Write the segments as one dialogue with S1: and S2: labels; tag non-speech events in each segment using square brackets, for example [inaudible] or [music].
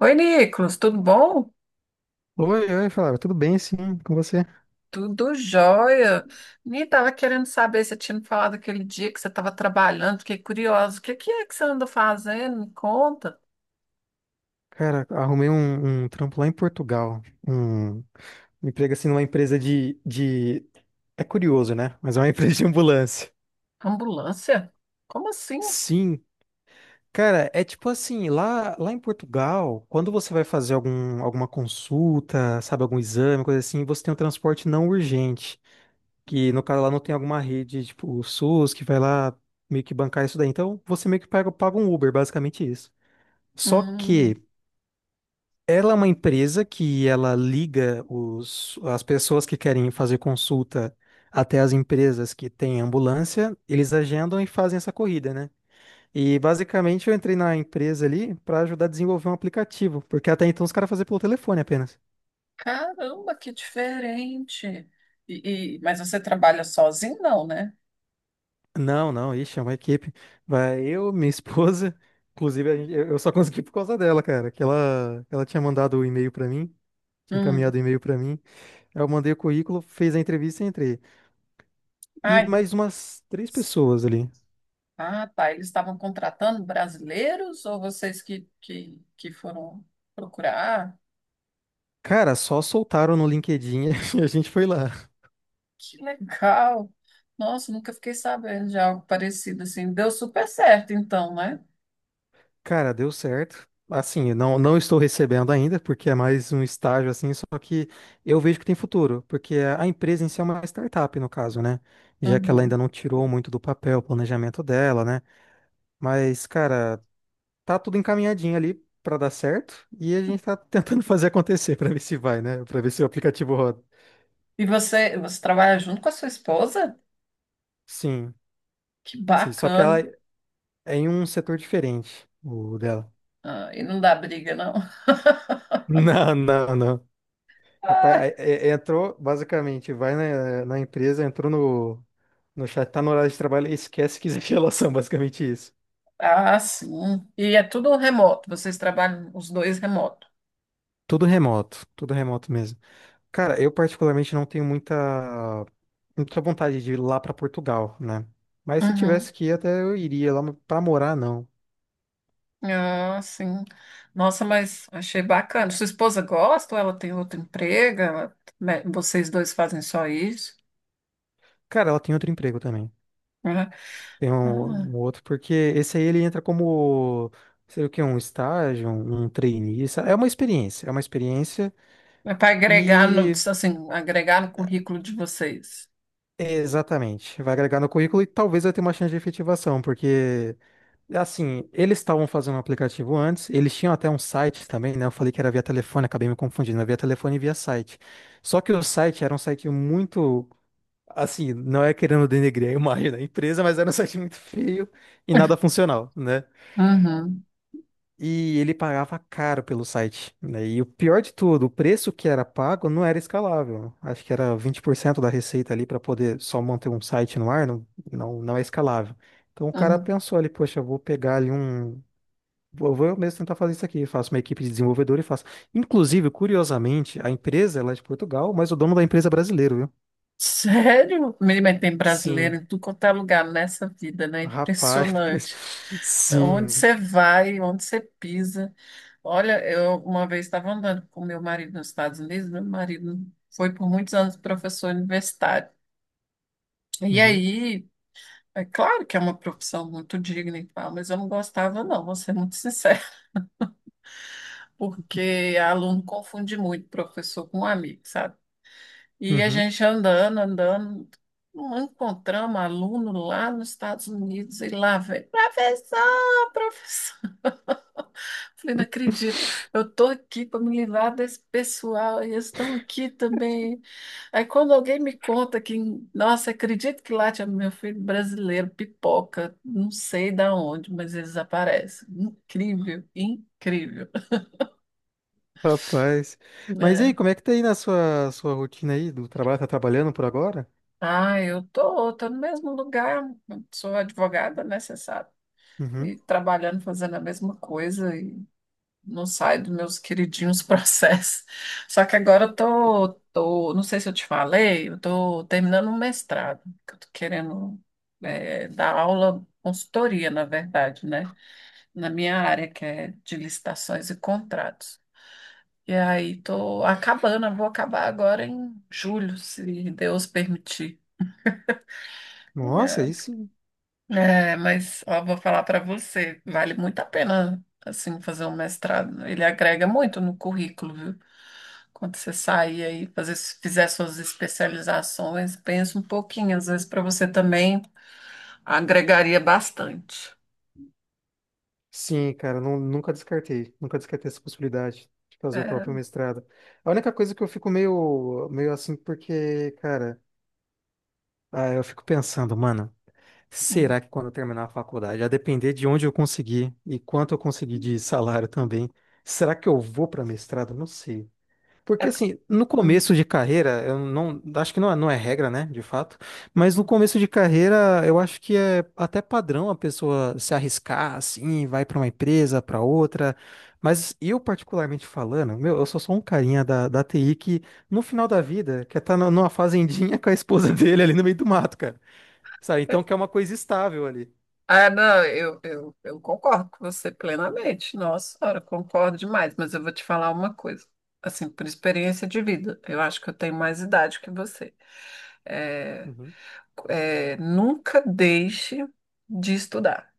S1: Oi, Nicolas, tudo bom?
S2: Oi, oi, Flávio, tudo bem sim com você?
S1: Tudo jóia. Nem tava querendo saber se você tinha me falado aquele dia que você estava trabalhando, fiquei curiosa. O que que é que você anda fazendo? Me conta.
S2: Cara, arrumei um trampo lá em Portugal. Um um emprego assim numa empresa de. É curioso, né? Mas é uma [laughs] empresa de ambulância.
S1: Ambulância? Como assim?
S2: Sim, cara, é tipo assim, lá em Portugal, quando você vai fazer alguma consulta, sabe, algum exame, coisa assim, você tem um transporte não urgente. Que no caso lá não tem alguma rede, tipo, o SUS, que vai lá meio que bancar isso daí. Então, você meio que paga um Uber, basicamente isso. Só que.
S1: Hum,
S2: Ela é uma empresa que ela liga as pessoas que querem fazer consulta até as empresas que têm ambulância, eles agendam e fazem essa corrida, né? E basicamente eu entrei na empresa ali para ajudar a desenvolver um aplicativo, porque até então os caras faziam pelo telefone apenas.
S1: caramba, que diferente. Mas você trabalha sozinho, não, né?
S2: Não, não, ixi, é uma equipe. Vai eu, minha esposa, [laughs] eu só consegui por causa dela, cara, que ela tinha mandado o e-mail para mim, tinha
S1: Hum,
S2: encaminhado o e-mail para mim. Eu mandei o currículo, fez a entrevista e entrei. E
S1: ai,
S2: mais umas 3 pessoas ali.
S1: ah, tá. Eles estavam contratando brasileiros ou vocês que foram procurar?
S2: Cara, só soltaram no LinkedIn [laughs] e a gente foi lá.
S1: Que legal! Nossa, nunca fiquei sabendo de algo parecido assim. Deu super certo, então, né?
S2: Cara, deu certo. Assim, não estou recebendo ainda, porque é mais um estágio assim, só que eu vejo que tem futuro, porque a empresa em si é uma startup, no caso, né? Já que ela ainda
S1: Uhum.
S2: não tirou muito do papel o planejamento dela, né? Mas, cara, tá tudo encaminhadinho ali pra dar certo e a gente tá [laughs] tentando fazer acontecer pra ver se vai, né? Pra ver se o aplicativo roda.
S1: E você, você trabalha junto com a sua esposa?
S2: Sim,
S1: Que
S2: sim.
S1: bacana!
S2: É em um setor diferente, o dela. [laughs]
S1: Ah, e não dá briga, não.
S2: Não, não, não. Rapaz, aí,
S1: [laughs]
S2: entrou, basicamente, vai na empresa, entrou no chat, tá no horário de trabalho e esquece que existe [laughs] relação, basicamente isso.
S1: Ah, ah, sim. E é tudo remoto. Vocês trabalham os dois remoto.
S2: Tudo remoto mesmo. Cara, eu particularmente não tenho muita vontade de ir lá pra Portugal, né? Mas se
S1: Uhum.
S2: tivesse que ir até eu iria lá, mas pra morar não.
S1: Ah, sim. Nossa, mas achei bacana. Sua esposa gosta ou ela tem outro emprego? Ela- me- Vocês dois fazem só isso?
S2: Cara, ela tem outro emprego também.
S1: Uhum.
S2: Tem um,
S1: Ah,
S2: um outro, porque esse aí ele entra como, sei lá o que, um trainee. É uma experiência
S1: é para agregar no,
S2: e
S1: assim, agregar no currículo de vocês.
S2: é, exatamente. Vai agregar no currículo e talvez vai ter uma chance de efetivação, porque assim, eles estavam fazendo um aplicativo antes, eles tinham até um site também, né? Eu falei que era via telefone, acabei me confundindo, é via telefone e via site. Só que o site era um site muito, assim, não é querendo denegrir a imagem da empresa, mas era um site muito feio e nada funcional, né?
S1: Uhum.
S2: E ele pagava caro pelo site, né? E o pior de tudo, o preço que era pago não era escalável. Acho que era 20% da receita ali para poder só manter um site no ar, não é escalável. Então o cara
S1: Uhum.
S2: pensou ali, poxa, eu vou pegar ali um. Vou eu mesmo tentar fazer isso aqui. Faço uma equipe de desenvolvedor e faço. Inclusive, curiosamente, a empresa ela é de Portugal, mas o dono da empresa é brasileiro, viu?
S1: Sério? Mas tem brasileiro
S2: Sim,
S1: em tudo quanto é lugar nessa vida, né?
S2: rapaz.
S1: Impressionante.
S2: [laughs]
S1: Onde
S2: Sim.
S1: você vai, onde você pisa. Olha, eu uma vez estava andando com meu marido nos Estados Unidos, meu marido foi por muitos anos professor universitário. E
S2: Uhum.
S1: aí, é claro que é uma profissão muito digna e tal, mas eu não gostava, não, vou ser muito sincera. Porque aluno confunde muito professor com amigo, sabe? E a
S2: Uhum.
S1: gente andando, não encontramos aluno lá nos Estados Unidos e lá vem, professor, professor. [laughs] Falei, não acredito, eu tô aqui para me livrar desse pessoal e eles estão aqui também. Aí quando alguém me conta que, nossa, acredito que lá tinha meu filho brasileiro, pipoca, não sei da onde, mas eles aparecem. Incrível, incrível.
S2: Rapaz. Mas e
S1: É.
S2: aí, como é que tá aí na sua rotina aí do trabalho? Tá trabalhando por agora?
S1: Ah, eu tô no mesmo lugar, sou advogada, né, você sabe,
S2: Uhum.
S1: e trabalhando, fazendo a mesma coisa e não saio dos meus queridinhos [laughs] processos. Só que agora eu tô, não sei se eu te falei, eu tô terminando um mestrado, que eu tô querendo dar aula, consultoria, na verdade, né, na minha área, que é de licitações e contratos. E aí tô acabando, eu vou acabar agora em julho, se Deus permitir.
S2: Nossa, aí sim.
S1: É, mas ó, vou falar para você, vale muito a pena assim fazer um mestrado. Ele agrega muito no currículo, viu? Quando você sair aí, fizer suas especializações, pensa um pouquinho, às vezes para você também agregaria bastante.
S2: Sim, cara, nunca descartei. Nunca descartei essa possibilidade de fazer o próprio
S1: É,
S2: mestrado. A única coisa que eu fico meio assim, porque, cara, ah, eu fico pensando, mano,
S1: hum,
S2: será que quando eu terminar a faculdade, a depender de onde eu conseguir e quanto eu conseguir de salário também, será que eu vou para mestrado? Não sei. Porque
S1: é,
S2: assim, no
S1: hum.
S2: começo de carreira, eu não, acho que não é regra, né, de fato, mas no começo de carreira, eu acho que é até padrão a pessoa se arriscar assim, vai para uma empresa, para outra. Mas eu particularmente falando, meu, eu sou só um carinha da TI que no final da vida quer estar numa fazendinha com a esposa [laughs] dele ali no meio do mato, cara. Sabe?
S1: É,
S2: Então quer uma coisa estável ali.
S1: ah, não, eu concordo com você plenamente. Nossa, senhora, concordo demais, mas eu vou te falar uma coisa, assim, por experiência de vida. Eu acho que eu tenho mais idade que você. É,
S2: Uhum,
S1: é, nunca deixe de estudar.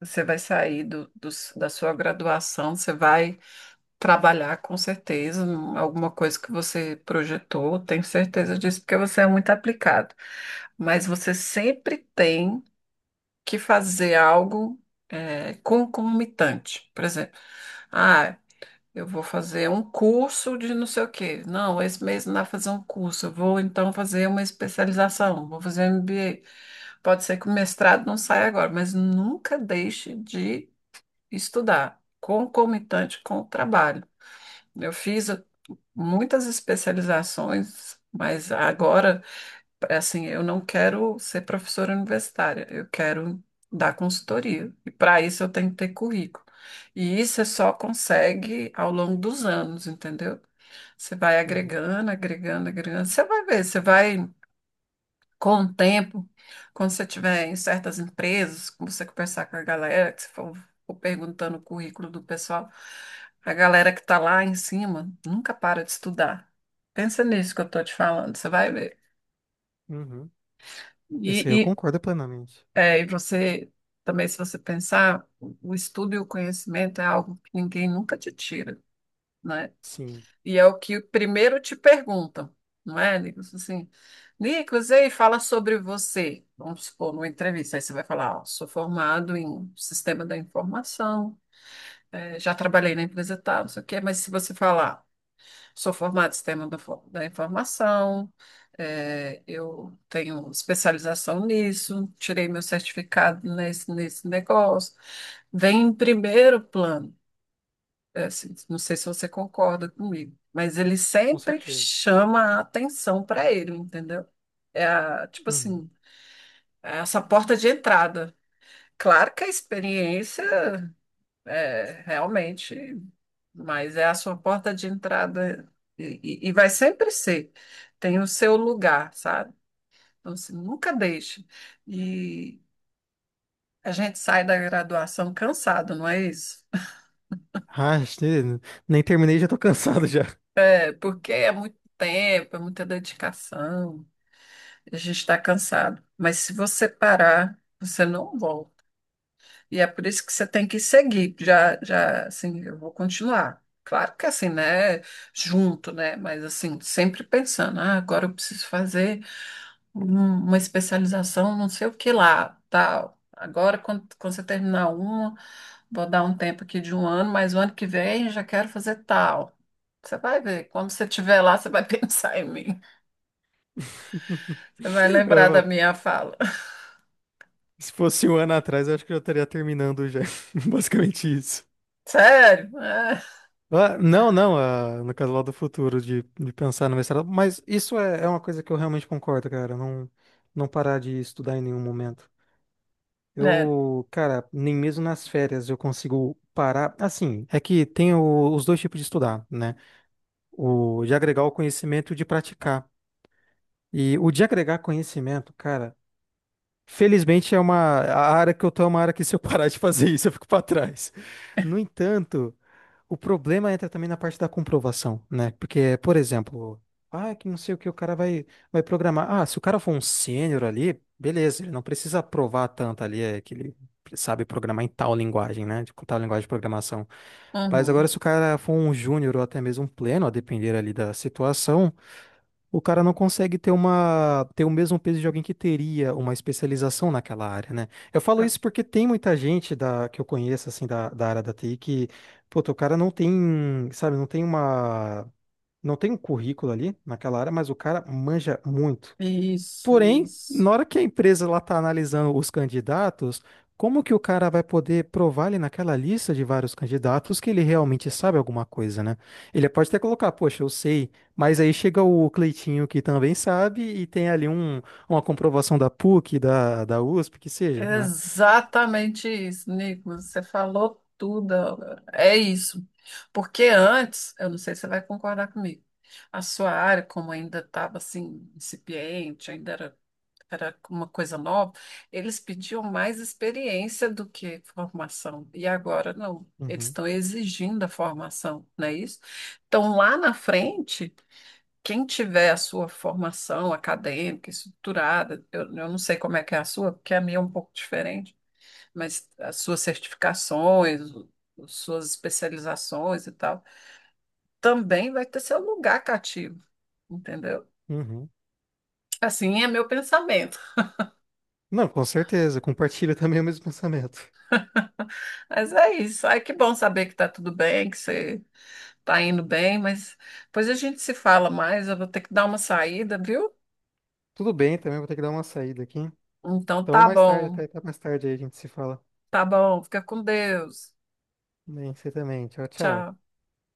S1: Você vai sair do, do- da sua graduação, você vai trabalhar com certeza em alguma coisa que você projetou, tenho certeza disso, porque você é muito aplicado. Mas você sempre tem que fazer algo concomitante. Por exemplo, ah, eu vou fazer um curso de não sei o quê. Não, esse mês não dá pra fazer um curso. Eu vou então fazer uma especialização, vou fazer um MBA. Pode ser que o mestrado não saia agora, mas nunca deixe de estudar, concomitante com o trabalho. Eu fiz muitas especializações, mas agora. Assim, eu não quero ser professora universitária, eu quero dar consultoria. E para isso eu tenho que ter currículo. E isso você só consegue ao longo dos anos, entendeu? Você vai
S2: uhum,
S1: agregando. Você vai ver, você vai, com o tempo, quando você tiver em certas empresas, quando você conversar com a galera, que você for perguntando o currículo do pessoal, a galera que está lá em cima nunca para de estudar. Pensa nisso que eu estou te falando, você vai ver.
S2: uhum. Isso aí eu
S1: E,
S2: concordo plenamente.
S1: é, e você também, se você pensar, o estudo e o conhecimento é algo que ninguém nunca te tira, né?
S2: Sim.
S1: E é o que primeiro te perguntam, não é, Nicolas? Assim, Nicolas, ei, fala sobre você. Vamos supor, numa entrevista, aí você vai falar, ó, sou formado em sistema da informação, já trabalhei na empresa tal, não sei o quê, mas se você falar sou formada em sistema da informação, eu tenho especialização nisso, tirei meu certificado nesse negócio. Vem em primeiro plano, assim, não sei se você concorda comigo, mas ele
S2: Com
S1: sempre
S2: certeza.
S1: chama a atenção para ele, entendeu? É a, tipo
S2: Uhum.
S1: assim, é essa porta de entrada. Claro que a experiência. É, realmente, mas é a sua porta de entrada e e vai sempre ser. Tem o seu lugar, sabe? Então, assim, nunca deixe. E a gente sai da graduação cansado, não é isso?
S2: Ah, nem terminei, já tô cansado já.
S1: É porque é muito tempo, é muita dedicação, a gente está cansado. Mas se você parar, você não volta. E é por isso que você tem que seguir. Já, já, assim, eu vou continuar. Claro que assim, né? Junto, né? Mas assim, sempre pensando, ah, agora eu preciso fazer um- uma especialização, não sei o que lá, tal. Agora, quando você terminar uma, vou dar um tempo aqui de um ano, mas o ano que vem já quero fazer tal. Você vai ver, quando você estiver lá, você vai [laughs] pensar em mim.
S2: [laughs]
S1: Você vai lembrar da
S2: Eu-
S1: minha fala.
S2: Se fosse um ano atrás, eu acho que eu já estaria terminando já. [laughs] Basicamente isso.
S1: Sério? É,
S2: Ah, no caso lá do futuro, de pensar no mestrado. Mas isso é uma coisa que eu realmente concordo, cara. Não, não parar de estudar em nenhum momento.
S1: né?
S2: Eu, cara, nem mesmo nas férias eu consigo parar. Assim, é que tem os dois tipos de estudar, né? O de agregar o conhecimento e de praticar. E o de agregar conhecimento, cara, felizmente é uma a área que eu tô é uma área que se eu [laughs] parar de fazer isso, eu fico para trás. No entanto, o problema entra também na parte da comprovação, né? Porque, por exemplo, ah, que não sei o que o cara vai programar. Ah, se o cara for um sênior ali, beleza, ele não precisa provar tanto ali é, que ele sabe programar em tal linguagem, né? De tal linguagem de programação. Mas agora,
S1: Uhum.
S2: se o cara for um júnior ou até mesmo um pleno, a depender ali da situação, o cara não consegue ter o mesmo peso de alguém que teria uma especialização naquela área, né? Eu falo isso porque tem muita gente que eu conheço, assim, da área da TI que, puta, o cara não tem, sabe, não tem um currículo ali naquela área, mas o cara manja muito.
S1: Isso,
S2: Porém,
S1: isso.
S2: na hora que a empresa lá está analisando os candidatos, como que o cara vai poder provar ali naquela lista de vários candidatos que ele realmente sabe alguma coisa, né? Ele pode até colocar, poxa, eu sei, mas aí chega o Cleitinho que também sabe e tem ali uma comprovação da PUC, da USP, que seja, né?
S1: Exatamente isso, Nicolas. Você falou tudo. Agora. É isso. Porque antes, eu não sei se você vai concordar comigo, a sua área, como ainda estava assim, incipiente, ainda era, era uma coisa nova, eles pediam mais experiência do que formação. E agora não. Eles
S2: Uhum,
S1: estão exigindo a formação, não é isso? Então, lá na frente. Quem tiver a sua formação acadêmica, estruturada, eu não sei como é que é a sua, porque a minha é um pouco diferente, mas as suas certificações, o- as suas especializações e tal, também vai ter seu lugar cativo, entendeu?
S2: uhum.
S1: Assim é meu pensamento.
S2: Não, com certeza, compartilho [laughs] também o mesmo pensamento.
S1: Mas é isso. Ai, que bom saber que tá tudo bem, que você tá indo bem, mas depois a gente se fala mais. Eu vou ter que dar uma saída, viu?
S2: Tudo bem, também vou ter que dar uma saída aqui.
S1: Então
S2: Então,
S1: tá
S2: mais tarde,
S1: bom,
S2: até mais tarde aí a gente se fala.
S1: tá bom. Fica com Deus.
S2: Bem, você também. Tchau, tchau.
S1: Tchau.